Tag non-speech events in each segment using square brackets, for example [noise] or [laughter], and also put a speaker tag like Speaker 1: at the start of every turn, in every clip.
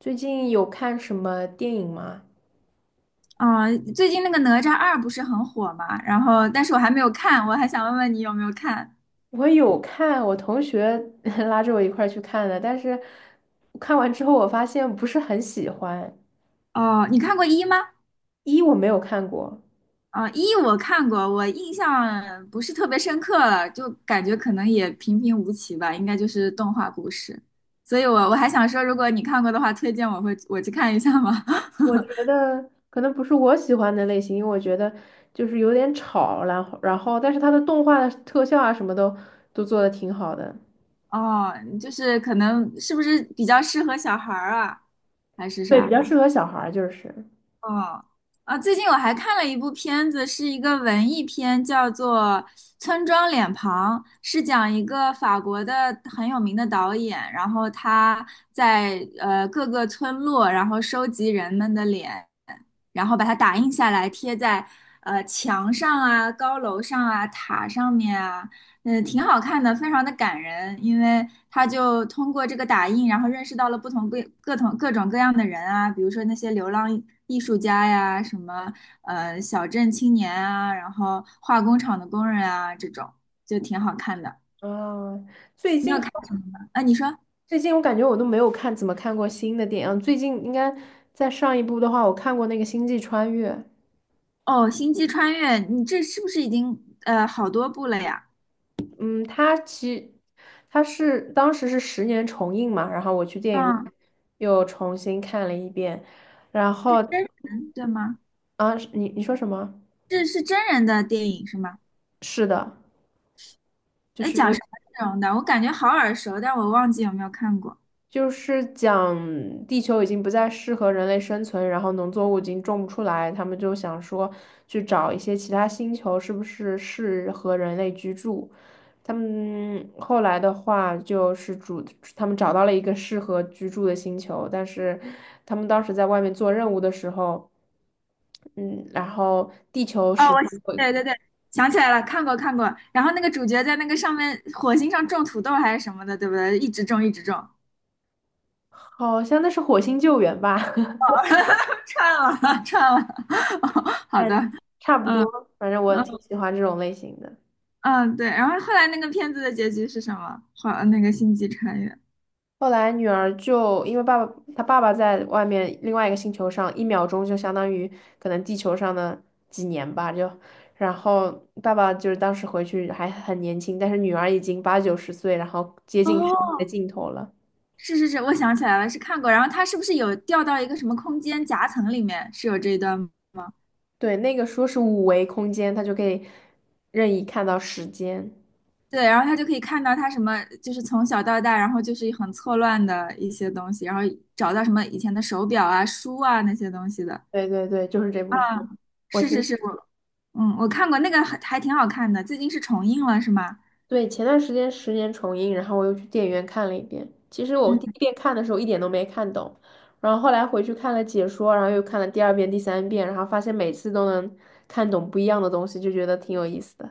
Speaker 1: 最近有看什么电影吗？
Speaker 2: 啊，最近那个《哪吒二》不是很火嘛，然后但是我还没有看，我还想问问你有没有看？
Speaker 1: 我有看，我同学 [laughs] 拉着我一块儿去看的，但是看完之后我发现不是很喜欢。
Speaker 2: 哦，你看过一吗？
Speaker 1: 一我没有看过，
Speaker 2: 啊，一我看过，我印象不是特别深刻了，就感觉可能也平平无奇吧，应该就是动画故事。所以我还想说，如果你看过的话，推荐我去看一下吗？[laughs]
Speaker 1: 我觉得可能不是我喜欢的类型，因为我觉得就是有点吵，然后但是它的动画的特效啊什么都做的挺好的，
Speaker 2: 哦，就是可能是不是比较适合小孩儿啊，还是
Speaker 1: 对，比
Speaker 2: 啥？
Speaker 1: 较适合小孩儿就是。
Speaker 2: 哦，啊，最近我还看了一部片子，是一个文艺片，叫做《村庄脸庞》，是讲一个法国的很有名的导演，然后他在各个村落，然后收集人们的脸，然后把它打印下来，贴在墙上啊、高楼上啊、塔上面啊，嗯，挺好看的，非常的感人，因为他就通过这个打印，然后认识到了不同各种各样的人啊，比如说那些流浪艺术家呀，什么小镇青年啊，然后化工厂的工人啊，这种就挺好看的。
Speaker 1: 啊，最
Speaker 2: 你
Speaker 1: 近。
Speaker 2: 有看啊？你说
Speaker 1: 最近我感觉我都没有看怎么看过新的电影，最近应该在上一部的话，我看过那个《星际穿越》，
Speaker 2: 哦，《星际穿越》，你这是不是已经好多部了呀？
Speaker 1: 嗯，它是当时是十年重映嘛，然后我去电影院
Speaker 2: 啊，
Speaker 1: 又重新看了一遍，然
Speaker 2: 是
Speaker 1: 后
Speaker 2: 真人对吗？
Speaker 1: 啊，你说什么？
Speaker 2: 这是真人的电影是吗？
Speaker 1: 是的，就
Speaker 2: 哎，
Speaker 1: 是
Speaker 2: 讲
Speaker 1: 有。
Speaker 2: 什么内容的？我感觉好耳熟，但我忘记有没有看过。
Speaker 1: 就是讲地球已经不再适合人类生存，然后农作物已经种不出来，他们就想说去找一些其他星球，是不是适合人类居住？他们后来的话就是主，他们找到了一个适合居住的星球，但是他们当时在外面做任务的时候，嗯，然后地球
Speaker 2: 哦，
Speaker 1: 是
Speaker 2: 我,对对对，想起来了，看过看过。然后那个主角在那个上面火星上种土豆还是什么的，对不对？一直种一直种，
Speaker 1: 好像那是火星救援吧，[laughs]
Speaker 2: 串了 [laughs] 串了。[laughs] 哦好
Speaker 1: 但
Speaker 2: 的，
Speaker 1: 差不
Speaker 2: 嗯
Speaker 1: 多，反正我
Speaker 2: 嗯
Speaker 1: 挺喜欢这种类型的。
Speaker 2: 嗯，对。然后后来那个片子的结局是什么？好，那个星际穿越。
Speaker 1: 后来女儿就因为爸爸，她爸爸在外面另外一个星球上，一秒钟就相当于可能地球上的几年吧，就，然后爸爸就是当时回去还很年轻，但是女儿已经八九十岁，然后接近生命
Speaker 2: 哦，
Speaker 1: 的尽头了。
Speaker 2: 是是是，我想起来了，是看过。然后他是不是有掉到一个什么空间夹层里面？是有这一段吗？
Speaker 1: 对，那个说是五维空间，它就可以任意看到时间。
Speaker 2: 对，然后他就可以看到他什么，就是从小到大，然后就是很错乱的一些东西，然后找到什么以前的手表啊、书啊那些东西的。
Speaker 1: 对对对，就是这部剧，
Speaker 2: 啊，
Speaker 1: 我
Speaker 2: 是是
Speaker 1: 挺。
Speaker 2: 是，我看过那个还挺好看的，最近是重映了是吗？
Speaker 1: 对，前段时间《十年重映》，然后我又去电影院看了一遍。其实我
Speaker 2: 嗯
Speaker 1: 第一遍看的时候一点都没看懂，然后后来回去看了解说，然后又看了第二遍、第三遍，然后发现每次都能看懂不一样的东西，就觉得挺有意思的。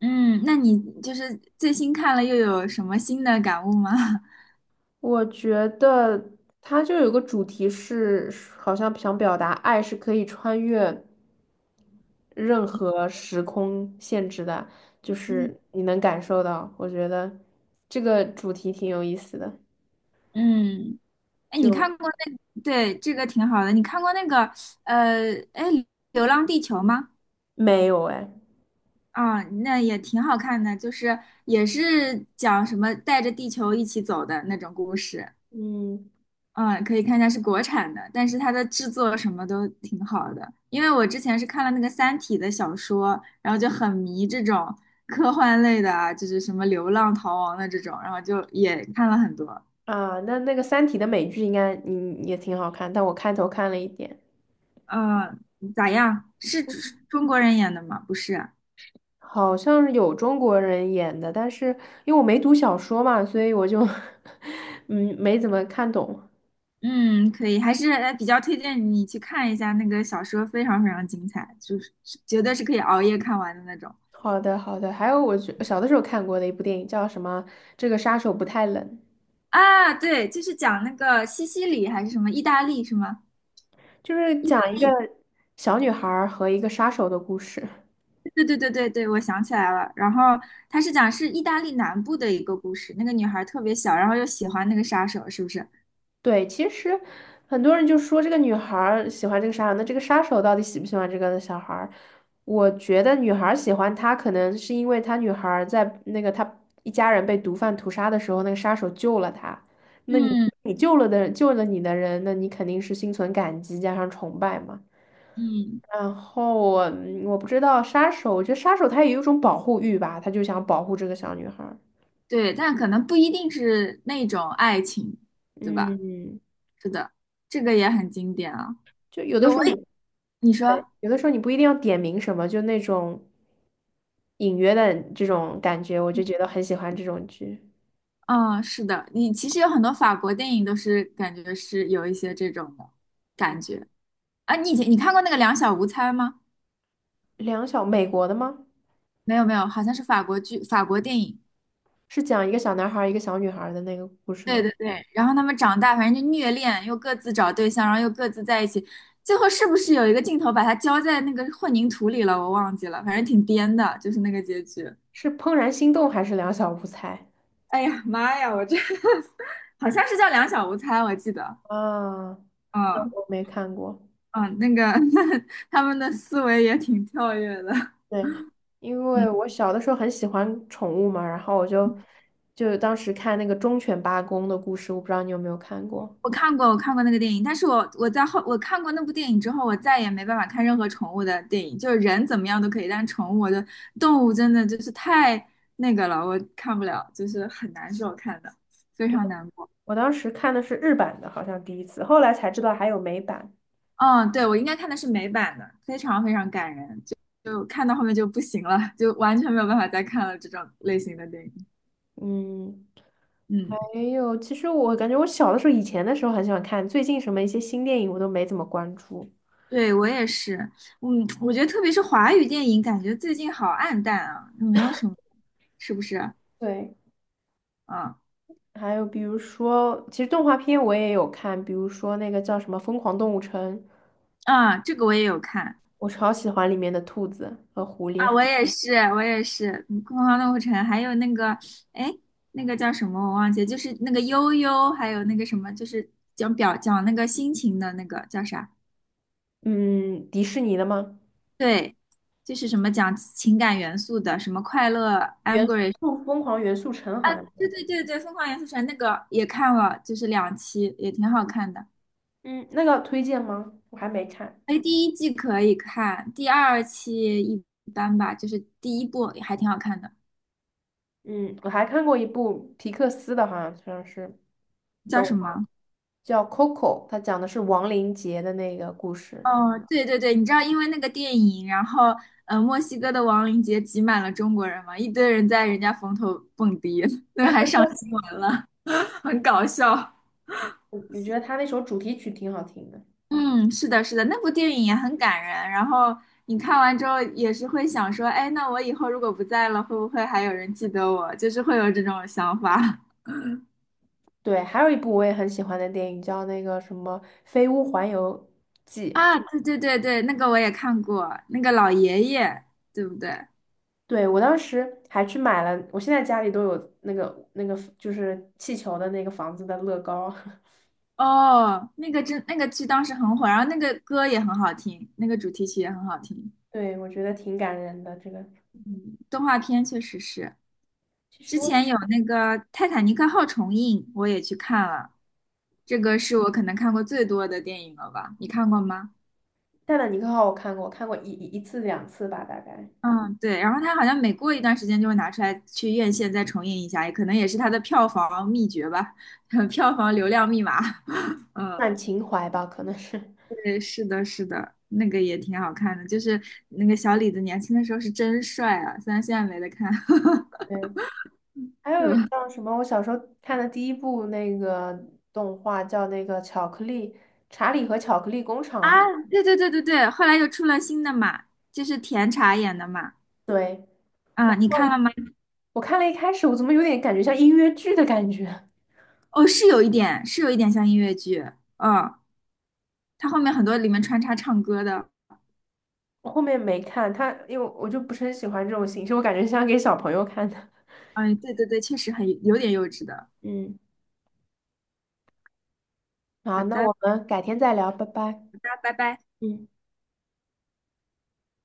Speaker 2: 嗯，那你就是最新看了又有什么新的感悟吗？[laughs]
Speaker 1: 我觉得它就有个主题是，好像想表达爱是可以穿越任何时空限制的，就
Speaker 2: 嗯
Speaker 1: 是你能感受到。我觉得这个主题挺有意思的，
Speaker 2: 嗯，哎，你
Speaker 1: 就
Speaker 2: 看过那，对，这个挺好的，你看过那个哎，《流浪地球》吗？
Speaker 1: 没有哎。
Speaker 2: 啊，那也挺好看的，就是也是讲什么带着地球一起走的那种故事。
Speaker 1: 嗯
Speaker 2: 嗯，可以看一下是国产的，但是它的制作什么都挺好的。因为我之前是看了那个《三体》的小说，然后就很迷这种科幻类的啊，就是什么流浪逃亡的这种，然后就也看了很多。
Speaker 1: 那个《三体》的美剧应该也挺好看，但我开头看了一点，
Speaker 2: 嗯，咋样？是中国人演的吗？不是啊。
Speaker 1: 好像是有中国人演的，但是因为我没读小说嘛，所以我就 [laughs] 嗯没怎么看懂。
Speaker 2: 嗯，可以，还是比较推荐你去看一下那个小说，非常非常精彩，就是是绝对是可以熬夜看完的那种
Speaker 1: 好的好的，还有我觉小的时候看过的一部电影叫什么？这个杀手不太冷，
Speaker 2: 啊。对，就是讲那个西西里还是什么意大利是吗？
Speaker 1: 就是讲一个小女孩儿和一个杀手的故事。
Speaker 2: 对对对对对，我想起来了。然后他是讲是意大利南部的一个故事，那个女孩特别小，然后又喜欢那个杀手，是不是？
Speaker 1: 对，其实很多人就说这个女孩儿喜欢这个杀手，那这个杀手到底喜不喜欢这个小孩儿？我觉得女孩儿喜欢他，可能是因为他女孩儿在那个他一家人被毒贩屠杀的时候，那个杀手救了他。那你
Speaker 2: 嗯
Speaker 1: 你救了你的人，那你肯定是心存感激加上崇拜嘛。
Speaker 2: 嗯，
Speaker 1: 然后我不知道杀手，我觉得杀手他也有一种保护欲吧，他就想保护这个小女孩儿。
Speaker 2: 对，但可能不一定是那种爱情，对吧？
Speaker 1: 嗯，
Speaker 2: 是的，这个也很经典啊。
Speaker 1: 就有的
Speaker 2: 有我
Speaker 1: 时候你
Speaker 2: 也你
Speaker 1: 对，
Speaker 2: 说。
Speaker 1: 有的时候你不一定要点名什么，就那种。隐约的这种感觉，我就觉得很喜欢这种剧。
Speaker 2: 嗯，是的，你其实有很多法国电影都是感觉是有一些这种的感觉啊。你以前你看过那个《两小无猜》吗？
Speaker 1: 两小，美国的吗？
Speaker 2: 没有没有，好像是法国剧、法国电影。
Speaker 1: 是讲一个小男孩儿一个小女孩儿的那个故事
Speaker 2: 对
Speaker 1: 吗？
Speaker 2: 对对，然后他们长大，反正就虐恋，又各自找对象，然后又各自在一起，最后是不是有一个镜头把它浇在那个混凝土里了？我忘记了，反正挺颠的，就是那个结局。
Speaker 1: 是《怦然心动》还是《两小无猜》
Speaker 2: 哎呀妈呀，我这 [laughs] 好像是叫《两小无猜》，我记得。
Speaker 1: 啊？那
Speaker 2: 嗯
Speaker 1: 我没看过。
Speaker 2: 嗯，那个 [laughs] 他们的思维也挺跳跃的。
Speaker 1: 对，因为
Speaker 2: 嗯
Speaker 1: 我小的时候很喜欢宠物嘛，然后我就当时看那个忠犬八公的故事，我不知道你有没有看过。
Speaker 2: 我看过，我看过那个电影，但是我在我看过那部电影之后，我再也没办法看任何宠物的电影，就是人怎么样都可以，但是宠物我的动物真的就是太那个了，我看不了，就是很难受看的，非常难过。
Speaker 1: 我当时看的是日版的，好像第一次，后来才知道还有美版。
Speaker 2: 嗯，对，我应该看的是美版的，非常非常感人，就就看到后面就不行了，就完全没有办法再看了这种类型的电影。
Speaker 1: 嗯。
Speaker 2: 嗯，
Speaker 1: 没有，其实我感觉我小的时候，以前的时候很喜欢看，最近什么一些新电影我都没怎么关注。
Speaker 2: 对，我也是，嗯，我觉得特别是华语电影，感觉最近好暗淡啊，没有什么，是不是？
Speaker 1: 对，
Speaker 2: 嗯。
Speaker 1: 还有比如说，其实动画片我也有看，比如说那个叫什么《疯狂动物城》，
Speaker 2: 啊，这个我也有看
Speaker 1: 我超喜欢里面的兔子和狐
Speaker 2: 啊，
Speaker 1: 狸。
Speaker 2: 我也是，我也是，嗯《疯狂动物城》，还有那个，哎，那个叫什么我忘记了，就是那个悠悠，还有那个什么，就是讲那个心情的那个叫啥？
Speaker 1: 嗯，迪士尼的吗？
Speaker 2: 对，就是什么讲情感元素的，什么快乐
Speaker 1: 元
Speaker 2: ，angry,
Speaker 1: 素疯狂元素城好像是
Speaker 2: 对对对对，《疯狂元素城》那个也看了，就是两期，也挺好看的。
Speaker 1: 嗯，那个推荐吗？我还没看。
Speaker 2: 哎，第一季可以看，第二期一般吧，就是第一部还挺好看的，
Speaker 1: 嗯，我还看过一部皮克斯的，好像是
Speaker 2: 叫
Speaker 1: 动
Speaker 2: 什
Speaker 1: 画
Speaker 2: 么？
Speaker 1: 叫《Coco》，它讲的是亡灵节的那个故事。
Speaker 2: 哦，对对对，你知道，因为那个电影，然后墨西哥的亡灵节挤满了中国人嘛，一堆人在人家坟头蹦迪，[laughs] 那还上新闻了，[laughs] 很搞笑。
Speaker 1: 我觉得他那首主题曲挺好听的。
Speaker 2: 嗯，是的，是的，那部电影也很感人。然后你看完之后也是会想说，哎，那我以后如果不在了，会不会还有人记得我？就是会有这种想法
Speaker 1: 对，还有一部我也很喜欢的电影叫那个什么《飞屋环游记》。
Speaker 2: [laughs] 啊。对对对对，那个我也看过，那个老爷爷，对不对？
Speaker 1: 对，我当时还去买了，我现在家里都有那个就是气球的那个房子的乐高。
Speaker 2: 哦，那个真那个剧当时很火，然后那个歌也很好听，那个主题曲也很好听。
Speaker 1: [laughs] 对，我觉得挺感人的。这个
Speaker 2: 动画片确实是，
Speaker 1: 其实
Speaker 2: 之
Speaker 1: 我
Speaker 2: 前有那个《泰坦尼克号》重映，我也去看了，这个是我可能看过最多的电影了吧？你看过吗？
Speaker 1: 《泰坦尼克号》我看过，我看过一次两次吧，大概
Speaker 2: 嗯，对。然后它好像每过一段时间就会拿出来去院线再重映一下，也可能也是它的票房秘诀吧，[laughs] 票房流量密码。[laughs] 嗯，
Speaker 1: 算情怀吧，可能是。
Speaker 2: 对，是的，是的，那个也挺好看的，就是那个小李子年轻的时候是真帅啊，虽然现在没得看，
Speaker 1: [laughs]
Speaker 2: [laughs]
Speaker 1: 对，还
Speaker 2: 对
Speaker 1: 有
Speaker 2: 吧？
Speaker 1: 叫什么？我小时候看的第一部那个动画叫那个《巧克力查理和巧克力工
Speaker 2: 啊，
Speaker 1: 厂》。
Speaker 2: 对对对对对，后来又出了新的嘛，就是甜茶演的嘛，
Speaker 1: 对，
Speaker 2: 啊，
Speaker 1: 然
Speaker 2: 你
Speaker 1: 后
Speaker 2: 看了吗？
Speaker 1: 我看了一开始，我怎么有点感觉像音乐剧的感觉？
Speaker 2: 哦，是有一点，是有一点像音乐剧，嗯，他后面很多里面穿插唱歌的，
Speaker 1: 我后面没看它，因为我就不是很喜欢这种形式，我感觉像给小朋友看的。
Speaker 2: 嗯，对对对，确实很有点幼稚的。
Speaker 1: 嗯，
Speaker 2: 好
Speaker 1: 好，那
Speaker 2: 的，好的，
Speaker 1: 我们改天再聊，拜拜。
Speaker 2: 拜拜。
Speaker 1: 嗯。